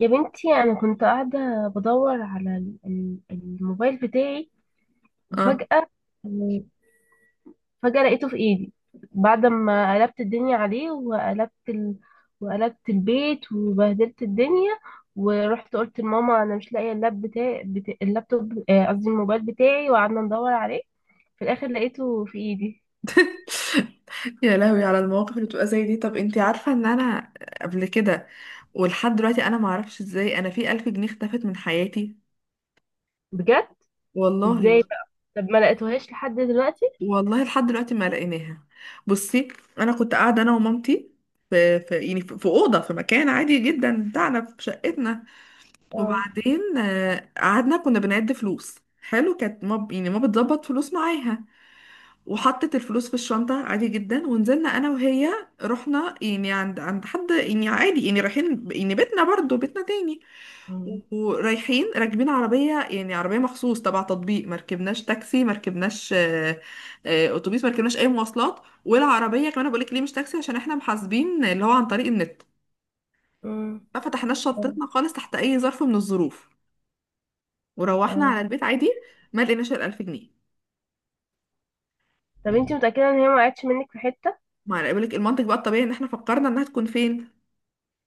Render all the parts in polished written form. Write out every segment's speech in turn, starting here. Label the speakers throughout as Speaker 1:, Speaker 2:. Speaker 1: يا بنتي أنا كنت قاعدة بدور على الموبايل بتاعي.
Speaker 2: اه.
Speaker 1: وفجأة لقيته في إيدي بعد ما قلبت الدنيا عليه وقلبت البيت وبهدلت الدنيا، ورحت قلت لماما أنا مش لاقية اللاب بتاعي اللابتوب، قصدي الموبايل بتاعي، وقعدنا ندور عليه. في الآخر لقيته في إيدي.
Speaker 2: يا لهوي على المواقف اللي بتبقى زي دي. طب انتي عارفة ان انا قبل كده ولحد دلوقتي انا معرفش ازاي انا في الف جنيه اختفت من حياتي.
Speaker 1: بجد؟
Speaker 2: والله.
Speaker 1: إزاي بقى؟ طب ما لقيتوهاش لحد دلوقتي؟
Speaker 2: والله لحد دلوقتي ما لقيناها. بصي، انا كنت قاعدة انا ومامتي في اوضة، في مكان عادي جدا بتاعنا في شقتنا.
Speaker 1: اه.
Speaker 2: وبعدين قعدنا كنا بنعد فلوس. حلو، كانت ما بتظبط فلوس معاها، وحطت الفلوس في الشنطة عادي جدا ونزلنا أنا وهي. رحنا يعني عند حد يعني عادي، يعني رايحين يعني بيتنا، برضو بيتنا تاني.
Speaker 1: آه.
Speaker 2: ورايحين راكبين عربية، يعني عربية مخصوص تبع تطبيق، مركبناش تاكسي، مركبناش أتوبيس، مركبناش أي مواصلات. والعربية كمان بقولك ليه مش تاكسي، عشان احنا محاسبين اللي هو عن طريق النت.
Speaker 1: آه.
Speaker 2: ما فتحناش
Speaker 1: آه.
Speaker 2: شنطتنا خالص تحت أي ظرف من الظروف، وروحنا
Speaker 1: آه.
Speaker 2: على البيت عادي. ما لقيناش الألف جنيه.
Speaker 1: طب انتي متأكدة ان هي ما وقعتش منك في حتة؟
Speaker 2: ما أنا بقولك المنطق بقى الطبيعي إن احنا فكرنا إنها تكون فين.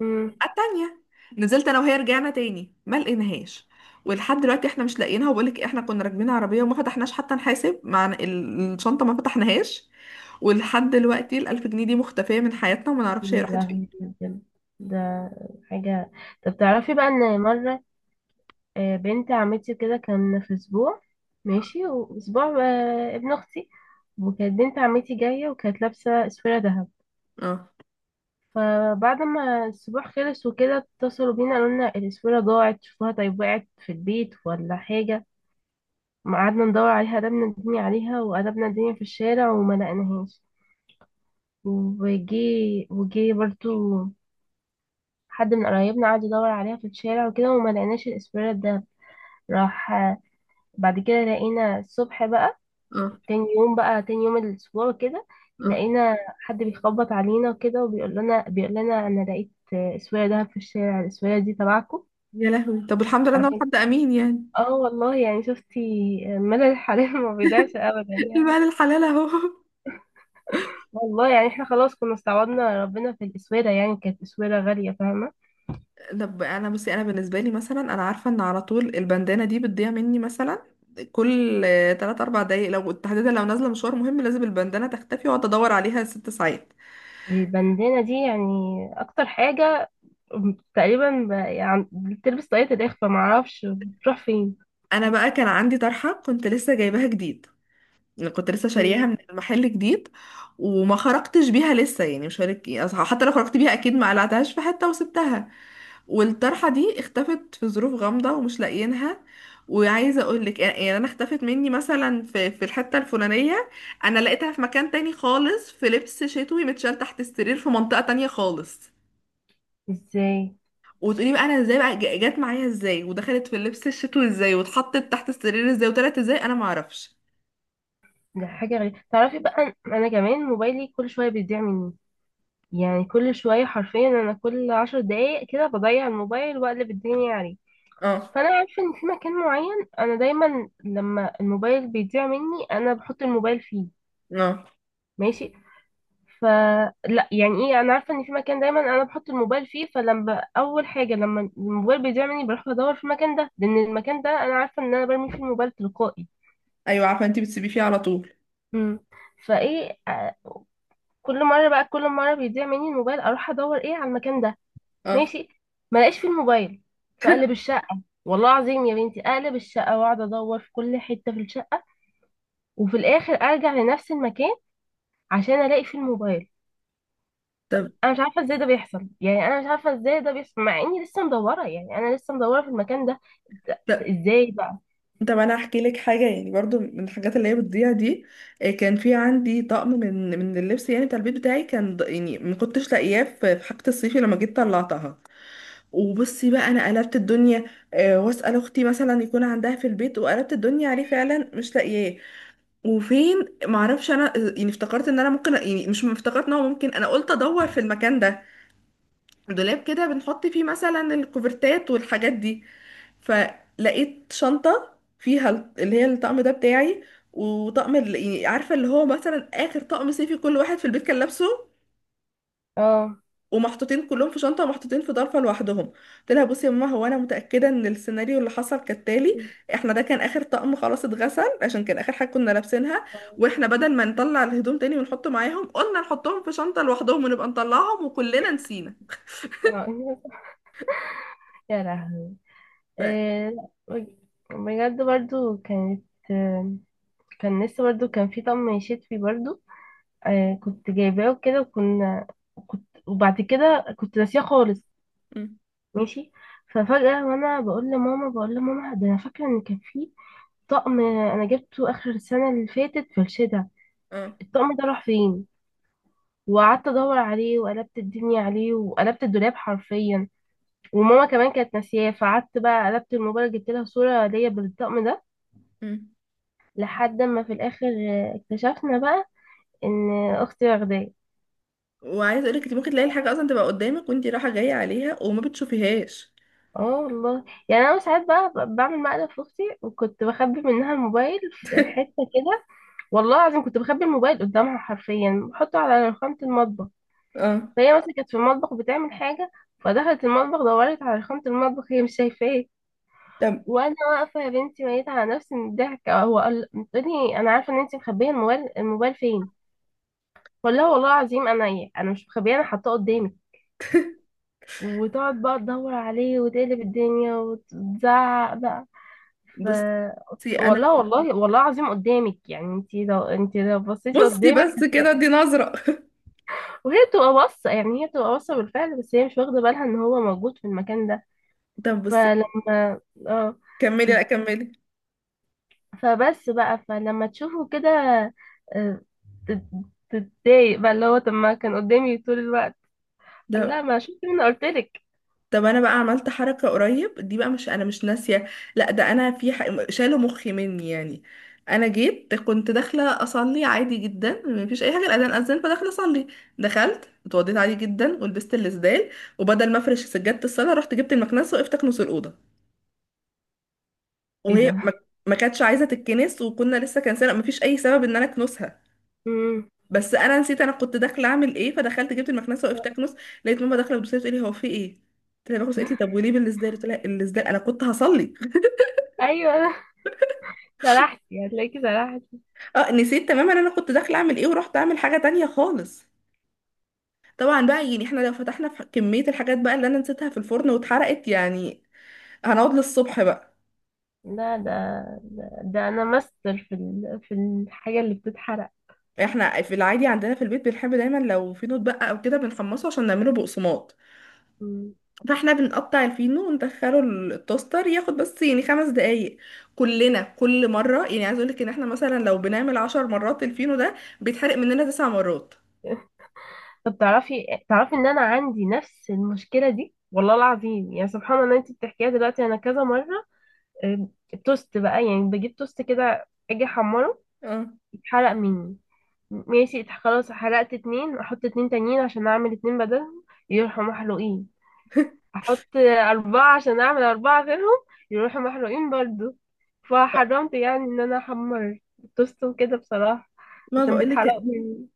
Speaker 1: مم.
Speaker 2: التانية نزلت انا وهي، رجعنا تاني ما لقيناهاش. ولحد دلوقتي احنا مش لاقيينها. وبقولك احنا كنا راكبين عربية وما فتحناش حتى نحاسب، مع الشنطة ما فتحناهاش. ولحد دلوقتي الألف جنيه دي مختفية من حياتنا وما نعرفش هي
Speaker 1: يا
Speaker 2: راحت فين.
Speaker 1: لهوي بجد. ده حاجة. طب تعرفي بقى ان مرة، بنت عمتي كده كان في اسبوع، ماشي، واسبوع، ابن اختي، وكانت بنت عمتي جاية وكانت لابسة اسورة ذهب.
Speaker 2: اه
Speaker 1: فبعد ما الاسبوع خلص وكده اتصلوا بينا قالوا لنا الاسورة ضاعت، شوفوها طيب وقعت في البيت ولا حاجة. ما قعدنا ندور عليها، قلبنا الدنيا عليها وقلبنا الدنيا في الشارع وما لقيناهاش. وجي، وجي برضو حد من قرايبنا قعد يدور عليها في الشارع وكده وما لقيناش الاسبريت ده، راح. بعد كده لقينا الصبح بقى،
Speaker 2: اه
Speaker 1: تاني يوم بقى، تاني يوم الاسبوع كده
Speaker 2: اه
Speaker 1: لقينا حد بيخبط علينا وكده وبيقول لنا انا لقيت اسوية ده في الشارع، الاسوية دي تبعكم؟
Speaker 2: يا لهوي. طب الحمد لله ان هو
Speaker 1: عشان.
Speaker 2: حد امين يعني.
Speaker 1: اه والله يعني شفتي مدى الحريم ما بيضيعش ابدا يعني.
Speaker 2: المال الحلال اهو.
Speaker 1: والله يعني احنا خلاص كنا استعوضنا ربنا في الاسويرة، يعني كانت اسويرة غالية فاهمة.
Speaker 2: طب انا بصي، انا بالنسبه لي مثلا انا عارفه ان على طول البندانه دي بتضيع مني. مثلا كل 3 4 دقايق، لو تحديدا لو نازله مشوار مهم لازم البندانه تختفي واقعد ادور عليها ست ساعات.
Speaker 1: البندانة دي يعني اكتر حاجة تقريبا يعني بتلبس طاقية الإخفاء، معرفش بتروح فين.
Speaker 2: انا بقى كان عندي طرحه كنت لسه جايباها جديد، يعني كنت لسه
Speaker 1: مم.
Speaker 2: شارياها من المحل جديد. وما خرجتش بيها لسه، يعني مش هقولك أصل حتى لو خرجت بيها اكيد ما قلعتهاش في حته وسبتها. والطرحه دي اختفت في ظروف غامضه ومش لاقيينها. وعايزه اقول لك يعني انا اختفت مني مثلا في الحته الفلانيه، انا لقيتها في مكان تاني خالص، في لبس شتوي متشال تحت السرير في منطقه تانية خالص.
Speaker 1: ازاي؟
Speaker 2: وتقولي بقى انا ازاي بقى جت معايا ازاي، ودخلت في اللبس الشتوي ازاي، واتحطت تحت السرير ازاي، وطلعت ازاي، انا ما اعرفش.
Speaker 1: ده حاجة غريبة. تعرفي بقى أنا كمان موبايلي كل شوية بيضيع مني، يعني كل شوية حرفيا أنا كل 10 دقايق كده بضيع الموبايل وأقلب الدنيا عليه.
Speaker 2: اه
Speaker 1: فأنا عارفة إن في مكان معين أنا دايما لما الموبايل بيضيع مني أنا بحط الموبايل فيه.
Speaker 2: اه.
Speaker 1: ماشي. ف، لا يعني ايه، انا عارفه ان في مكان دايما انا بحط الموبايل فيه، فلما اول حاجه لما الموبايل بيضيع مني بروح بدور في المكان ده، لان المكان ده انا عارفه ان انا برمي فيه الموبايل تلقائي.
Speaker 2: ايوه عارفه انت بتسيبيه فيه على طول.
Speaker 1: امم فايه كل مره بقى، كل مره بيضيع مني الموبايل اروح ادور ايه على المكان ده.
Speaker 2: اه.
Speaker 1: ماشي. ما الاقيش فيه الموبايل، فاقلب الشقه، والله العظيم يا بنتي اقلب الشقه واقعد ادور في كل حته في الشقه وفي الاخر ارجع لنفس المكان عشان الاقي فيه الموبايل.
Speaker 2: طب
Speaker 1: انا مش عارفه ازاي ده بيحصل، يعني انا مش عارفه ازاي ده بيحصل مع اني لسه مدوره، يعني انا لسه مدوره في المكان ده. ده-
Speaker 2: طب
Speaker 1: ازاي بقى؟
Speaker 2: طب انا هحكي لك حاجه يعني برضو من الحاجات اللي هي بتضيع دي. كان في عندي طقم من اللبس يعني بتاع البيت بتاعي، كان يعني ما كنتش لاقياه في في حاجه الصيفي لما جيت طلعتها. وبصي بقى انا قلبت الدنيا، واسال اختي مثلا يكون عندها في البيت، وقلبت الدنيا عليه فعلا مش لاقياه. وفين؟ معرفش انا. يعني افتكرت ان انا ممكن، يعني مش افتكرت ان هو ممكن، انا قلت ادور في المكان ده. دولاب كده بنحط فيه مثلا الكوفرتات والحاجات دي. فلقيت شنطة فيها اللي هي الطقم ده بتاعي، وطقم يعني عارفة اللي هو مثلا آخر طقم صيفي كل واحد في البيت كان لابسه،
Speaker 1: اه.
Speaker 2: ومحطوطين كلهم في شنطة، ومحطوطين في ظرفة لوحدهم. قلت لها بصي يا ماما، هو أنا متأكدة إن السيناريو اللي حصل كالتالي. احنا ده كان آخر طقم خلاص اتغسل، عشان كان آخر حاجة كنا لابسينها،
Speaker 1: اه.
Speaker 2: واحنا بدل ما نطلع الهدوم تاني ونحطه معاهم، قلنا نحطهم في شنطة لوحدهم ونبقى نطلعهم، وكلنا نسينا.
Speaker 1: آه. يا لهوي.
Speaker 2: ف
Speaker 1: إيه، لا، بجد برضو كانت، آه، كان لسه برضو كان في طقم شتوي برضو، آه كنت جايباه وكده وكنا، كنت وبعد كده كنت ناسياه خالص.
Speaker 2: م.
Speaker 1: ماشي. ففجأة وانا بقول لماما ده انا فاكرة ان كان في طقم انا جبته اخر السنة اللي فاتت في الشتا.
Speaker 2: اه
Speaker 1: الطقم ده راح فين؟ وقعدت ادور عليه وقلبت الدنيا عليه وقلبت الدولاب حرفيا. وماما كمان كانت ناسياه، فقعدت بقى قلبت الموبايل جبت لها صورة ليا بالطقم ده،
Speaker 2: م.
Speaker 1: لحد ما في الاخر اكتشفنا بقى ان اختي واخداه.
Speaker 2: وعايزه اقولك انت ممكن تلاقي الحاجه اصلا تبقى قدامك وانت رايحه جايه عليها وما بتشوفيهاش.
Speaker 1: اه والله يعني انا ساعات بقى بعمل مقلب في اختي وكنت بخبي منها الموبايل في حته كده، والله العظيم كنت بخبي الموبايل قدامها حرفيا بحطه على رخامه المطبخ.
Speaker 2: اه.
Speaker 1: فهي مثلا كانت في المطبخ بتعمل حاجه، فدخلت المطبخ دورت على رخامه المطبخ، هي مش شايفاه.
Speaker 2: طب
Speaker 1: وانا واقفه يا بنتي ميت على نفسي من الضحك. هو قال لي انا عارفه ان انت مخبيه الموبايل، الموبايل فين؟ ولا هو والله العظيم انا ايه، انا مش مخبيه، انا حاطاه قدامي. وتقعد بقى تدور عليه وتقلب الدنيا وتزعق بقى. ف،
Speaker 2: بصي انا.
Speaker 1: والله والله والله العظيم قدامك، يعني انت لو، انت لو بصيتي
Speaker 2: بصي
Speaker 1: قدامك
Speaker 2: بس كده
Speaker 1: هتلاقي.
Speaker 2: دي نظره.
Speaker 1: وهي بتبقى باصه، يعني هي بتبقى باصه بالفعل، بس هي مش واخده بالها ان هو موجود في المكان ده.
Speaker 2: طب بصي.
Speaker 1: فلما، اه،
Speaker 2: كملي، لا كملي.
Speaker 1: فبس بقى فلما تشوفه كده، آه، تت- تتضايق بقى اللي هو طب ما كان قدامي طول الوقت. قال
Speaker 2: ده
Speaker 1: لا ما شفت، مني قلت لك.
Speaker 2: طب انا بقى عملت حركه قريب دي بقى، مش انا مش ناسيه، لا ده انا في شالوا مخي مني يعني. انا جيت كنت داخله اصلي عادي جدا، مفيش اي حاجه، الاذان اذن فداخله اصلي. دخلت اتوضيت عادي جدا ولبست الاسدال، وبدل ما افرش سجاده الصلاه رحت جبت المكنسه وقفت اكنس الاوضه.
Speaker 1: ايه
Speaker 2: وهي ما
Speaker 1: ده.
Speaker 2: ما كانتش عايزه تتكنس، وكنا لسه كان سنه ما فيش اي سبب ان انا اكنسها،
Speaker 1: مم.
Speaker 2: بس انا نسيت انا كنت داخله اعمل ايه، فدخلت جبت المكنسه وقفت اكنس. لقيت ماما داخله بتبص لي بتقولي هو في ايه، قلت لها بكنس. قالت لي طب وليه بالازاي، قلت لها الازاي انا كنت هصلي.
Speaker 1: ايوه. سرحتي، هتلاقيكي سرحتي.
Speaker 2: اه نسيت تماما انا كنت داخله اعمل ايه، ورحت اعمل حاجه تانية خالص. طبعا بقى يعني احنا لو فتحنا في كميه الحاجات بقى اللي انا نسيتها في الفرن واتحرقت، يعني هنقعد للصبح بقى.
Speaker 1: لا، ده، ده انا ماستر في ال... في الحاجه اللي بتتحرق.
Speaker 2: احنا في العادي عندنا في البيت بنحب دايما لو في نوت بقى او كده بنحمصه عشان نعمله بقسماط.
Speaker 1: مم.
Speaker 2: فاحنا بنقطع الفينو وندخله التوستر، ياخد بس يعني خمس دقايق. كلنا كل مرة يعني، عايز اقولك ان احنا مثلا لو بنعمل عشر مرات الفينو ده، بيتحرق مننا تسع مرات.
Speaker 1: طب تعرفي ان انا عندي نفس المشكله دي، والله العظيم يعني سبحان الله انت بتحكيها دلوقتي، انا كذا مره، آه، التوست بقى يعني بجيب توست كده اجي احمره
Speaker 2: اه.
Speaker 1: يتحرق مني. ماشي. خلاص حرقت اتنين، احط اتنين تانيين عشان اعمل اتنين بدلهم، يروحوا محروقين. احط اربعة عشان اعمل اربعة غيرهم، يروحوا محروقين برضو. فحرمت يعني ان انا احمر التوست وكده بصراحة
Speaker 2: ما
Speaker 1: عشان بيتحرق
Speaker 2: بقولك،
Speaker 1: مني.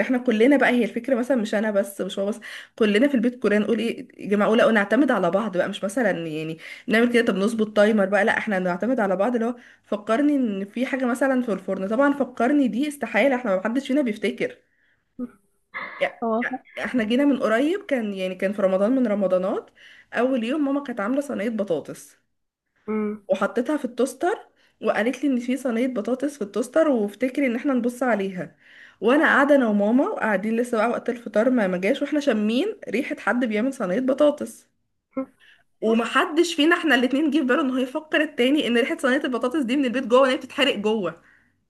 Speaker 2: احنا كلنا بقى، هي الفكرة مثلا مش انا بس مش هو بس، كلنا في البيت. كلنا نقول ايه يا جماعة، اقول نعتمد على بعض بقى، مش مثلا يعني نعمل كده. طب نظبط تايمر بقى، لا احنا نعتمد على بعض اللي هو فكرني ان في حاجة مثلا في الفرن. طبعا فكرني دي استحالة، احنا ما حدش فينا بيفتكر. يع-
Speaker 1: هو.
Speaker 2: احنا جينا من قريب، كان يعني كان في رمضان من رمضانات. اول يوم ماما كانت عامله صينيه بطاطس
Speaker 1: أمم.
Speaker 2: وحطيتها في التوستر، وقالت لي ان في صينيه بطاطس في التوستر وافتكري ان احنا نبص عليها. وانا قاعده انا وماما وقاعدين لسه بقى، وقت الفطار ما جاش، واحنا شامين ريحه حد بيعمل صينيه بطاطس، ومحدش فينا احنا الاتنين جه في باله ان هو يفكر التاني ان ريحه صينيه البطاطس دي من البيت جوه وان هي بتتحرق جوه.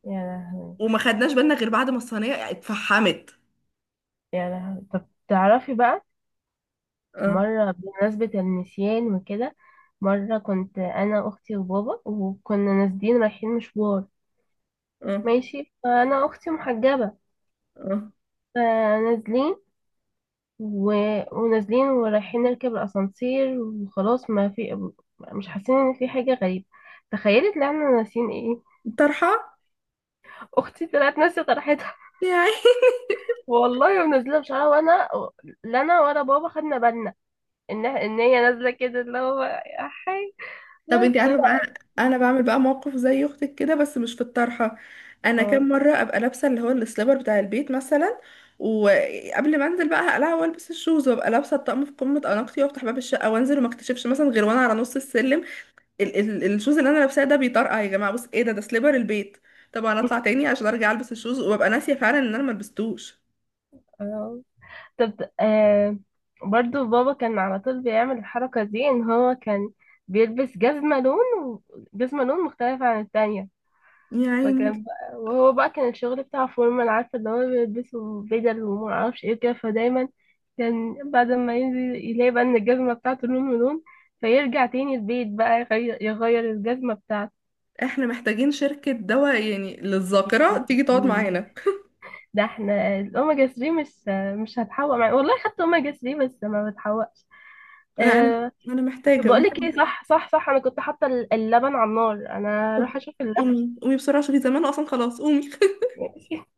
Speaker 1: يا لهوي.
Speaker 2: وما خدناش بالنا غير بعد ما الصينيه اتفحمت.
Speaker 1: يا لهوي طب تعرفي بقى
Speaker 2: اه
Speaker 1: مرة، بمناسبة النسيان وكده، مرة كنت أنا أختي وبابا وكنا نازلين رايحين مشوار.
Speaker 2: اه
Speaker 1: ماشي. فأنا أختي محجبة.
Speaker 2: اه
Speaker 1: فنازلين، و... ونازلين ورايحين نركب الأسانسير، وخلاص ما في، مش حاسين إن في حاجة غريبة. تخيلي طلعنا ناسيين ايه؟
Speaker 2: طرحه.
Speaker 1: اختي طلعت ناسيه طرحتها.
Speaker 2: يا.
Speaker 1: والله ونازله بشعرها، وانا لا انا ولا بابا خدنا بالنا ان هي نازله كده اللي هو يا حي.
Speaker 2: طب
Speaker 1: بس
Speaker 2: انت عارفه بقى انا بعمل بقى موقف زي اختك كده بس مش في الطرحه. انا كام
Speaker 1: اه.
Speaker 2: مره ابقى لابسه اللي هو السليبر بتاع البيت مثلا، وقبل ما انزل بقى هقلع والبس الشوز وابقى لابسه الطقم في قمه اناقتي، وافتح باب الشقه وانزل، وما اكتشفش مثلا غير وانا على نص السلم ال ال الشوز اللي انا لابساه ده بيطرقع. يا جماعه بص ايه ده، ده سليبر البيت. طبعا اطلع تاني عشان ارجع البس الشوز، وابقى ناسيه فعلا ان انا ما لبستوش
Speaker 1: آه. طب آه، برضو بابا كان على طول بيعمل الحركه دي، ان هو كان بيلبس جزمه لون وجزمه لون مختلفه عن التانية.
Speaker 2: يعني.
Speaker 1: فكان بقى وهو بقى كان الشغل بتاع فورمان، عارفة ان هو بيلبسوا بدل وما اعرفش ايه كده، فدايما كان بعد ما ينزل يلاقي بقى ان الجزمة بتاعته لون من لون، فيرجع تاني البيت بقى يغير الجزمة بتاعته.
Speaker 2: احنا محتاجين شركه دواء يعني للذاكره تيجي تقعد معانا.
Speaker 1: ده احنا الاوميجا 3 مش هتحوق معايا والله، خدت اوميجا 3 بس ما بتحوقش.
Speaker 2: انا
Speaker 1: أه،
Speaker 2: أنا محتاجه.
Speaker 1: بقولك ايه، صح صح صح، انا كنت حاطة اللبن على النار، انا هروح
Speaker 2: طب
Speaker 1: اشوف اللبن.
Speaker 2: قومي قومي بسرعة شوفي، زمان اصلا، خلاص قومي.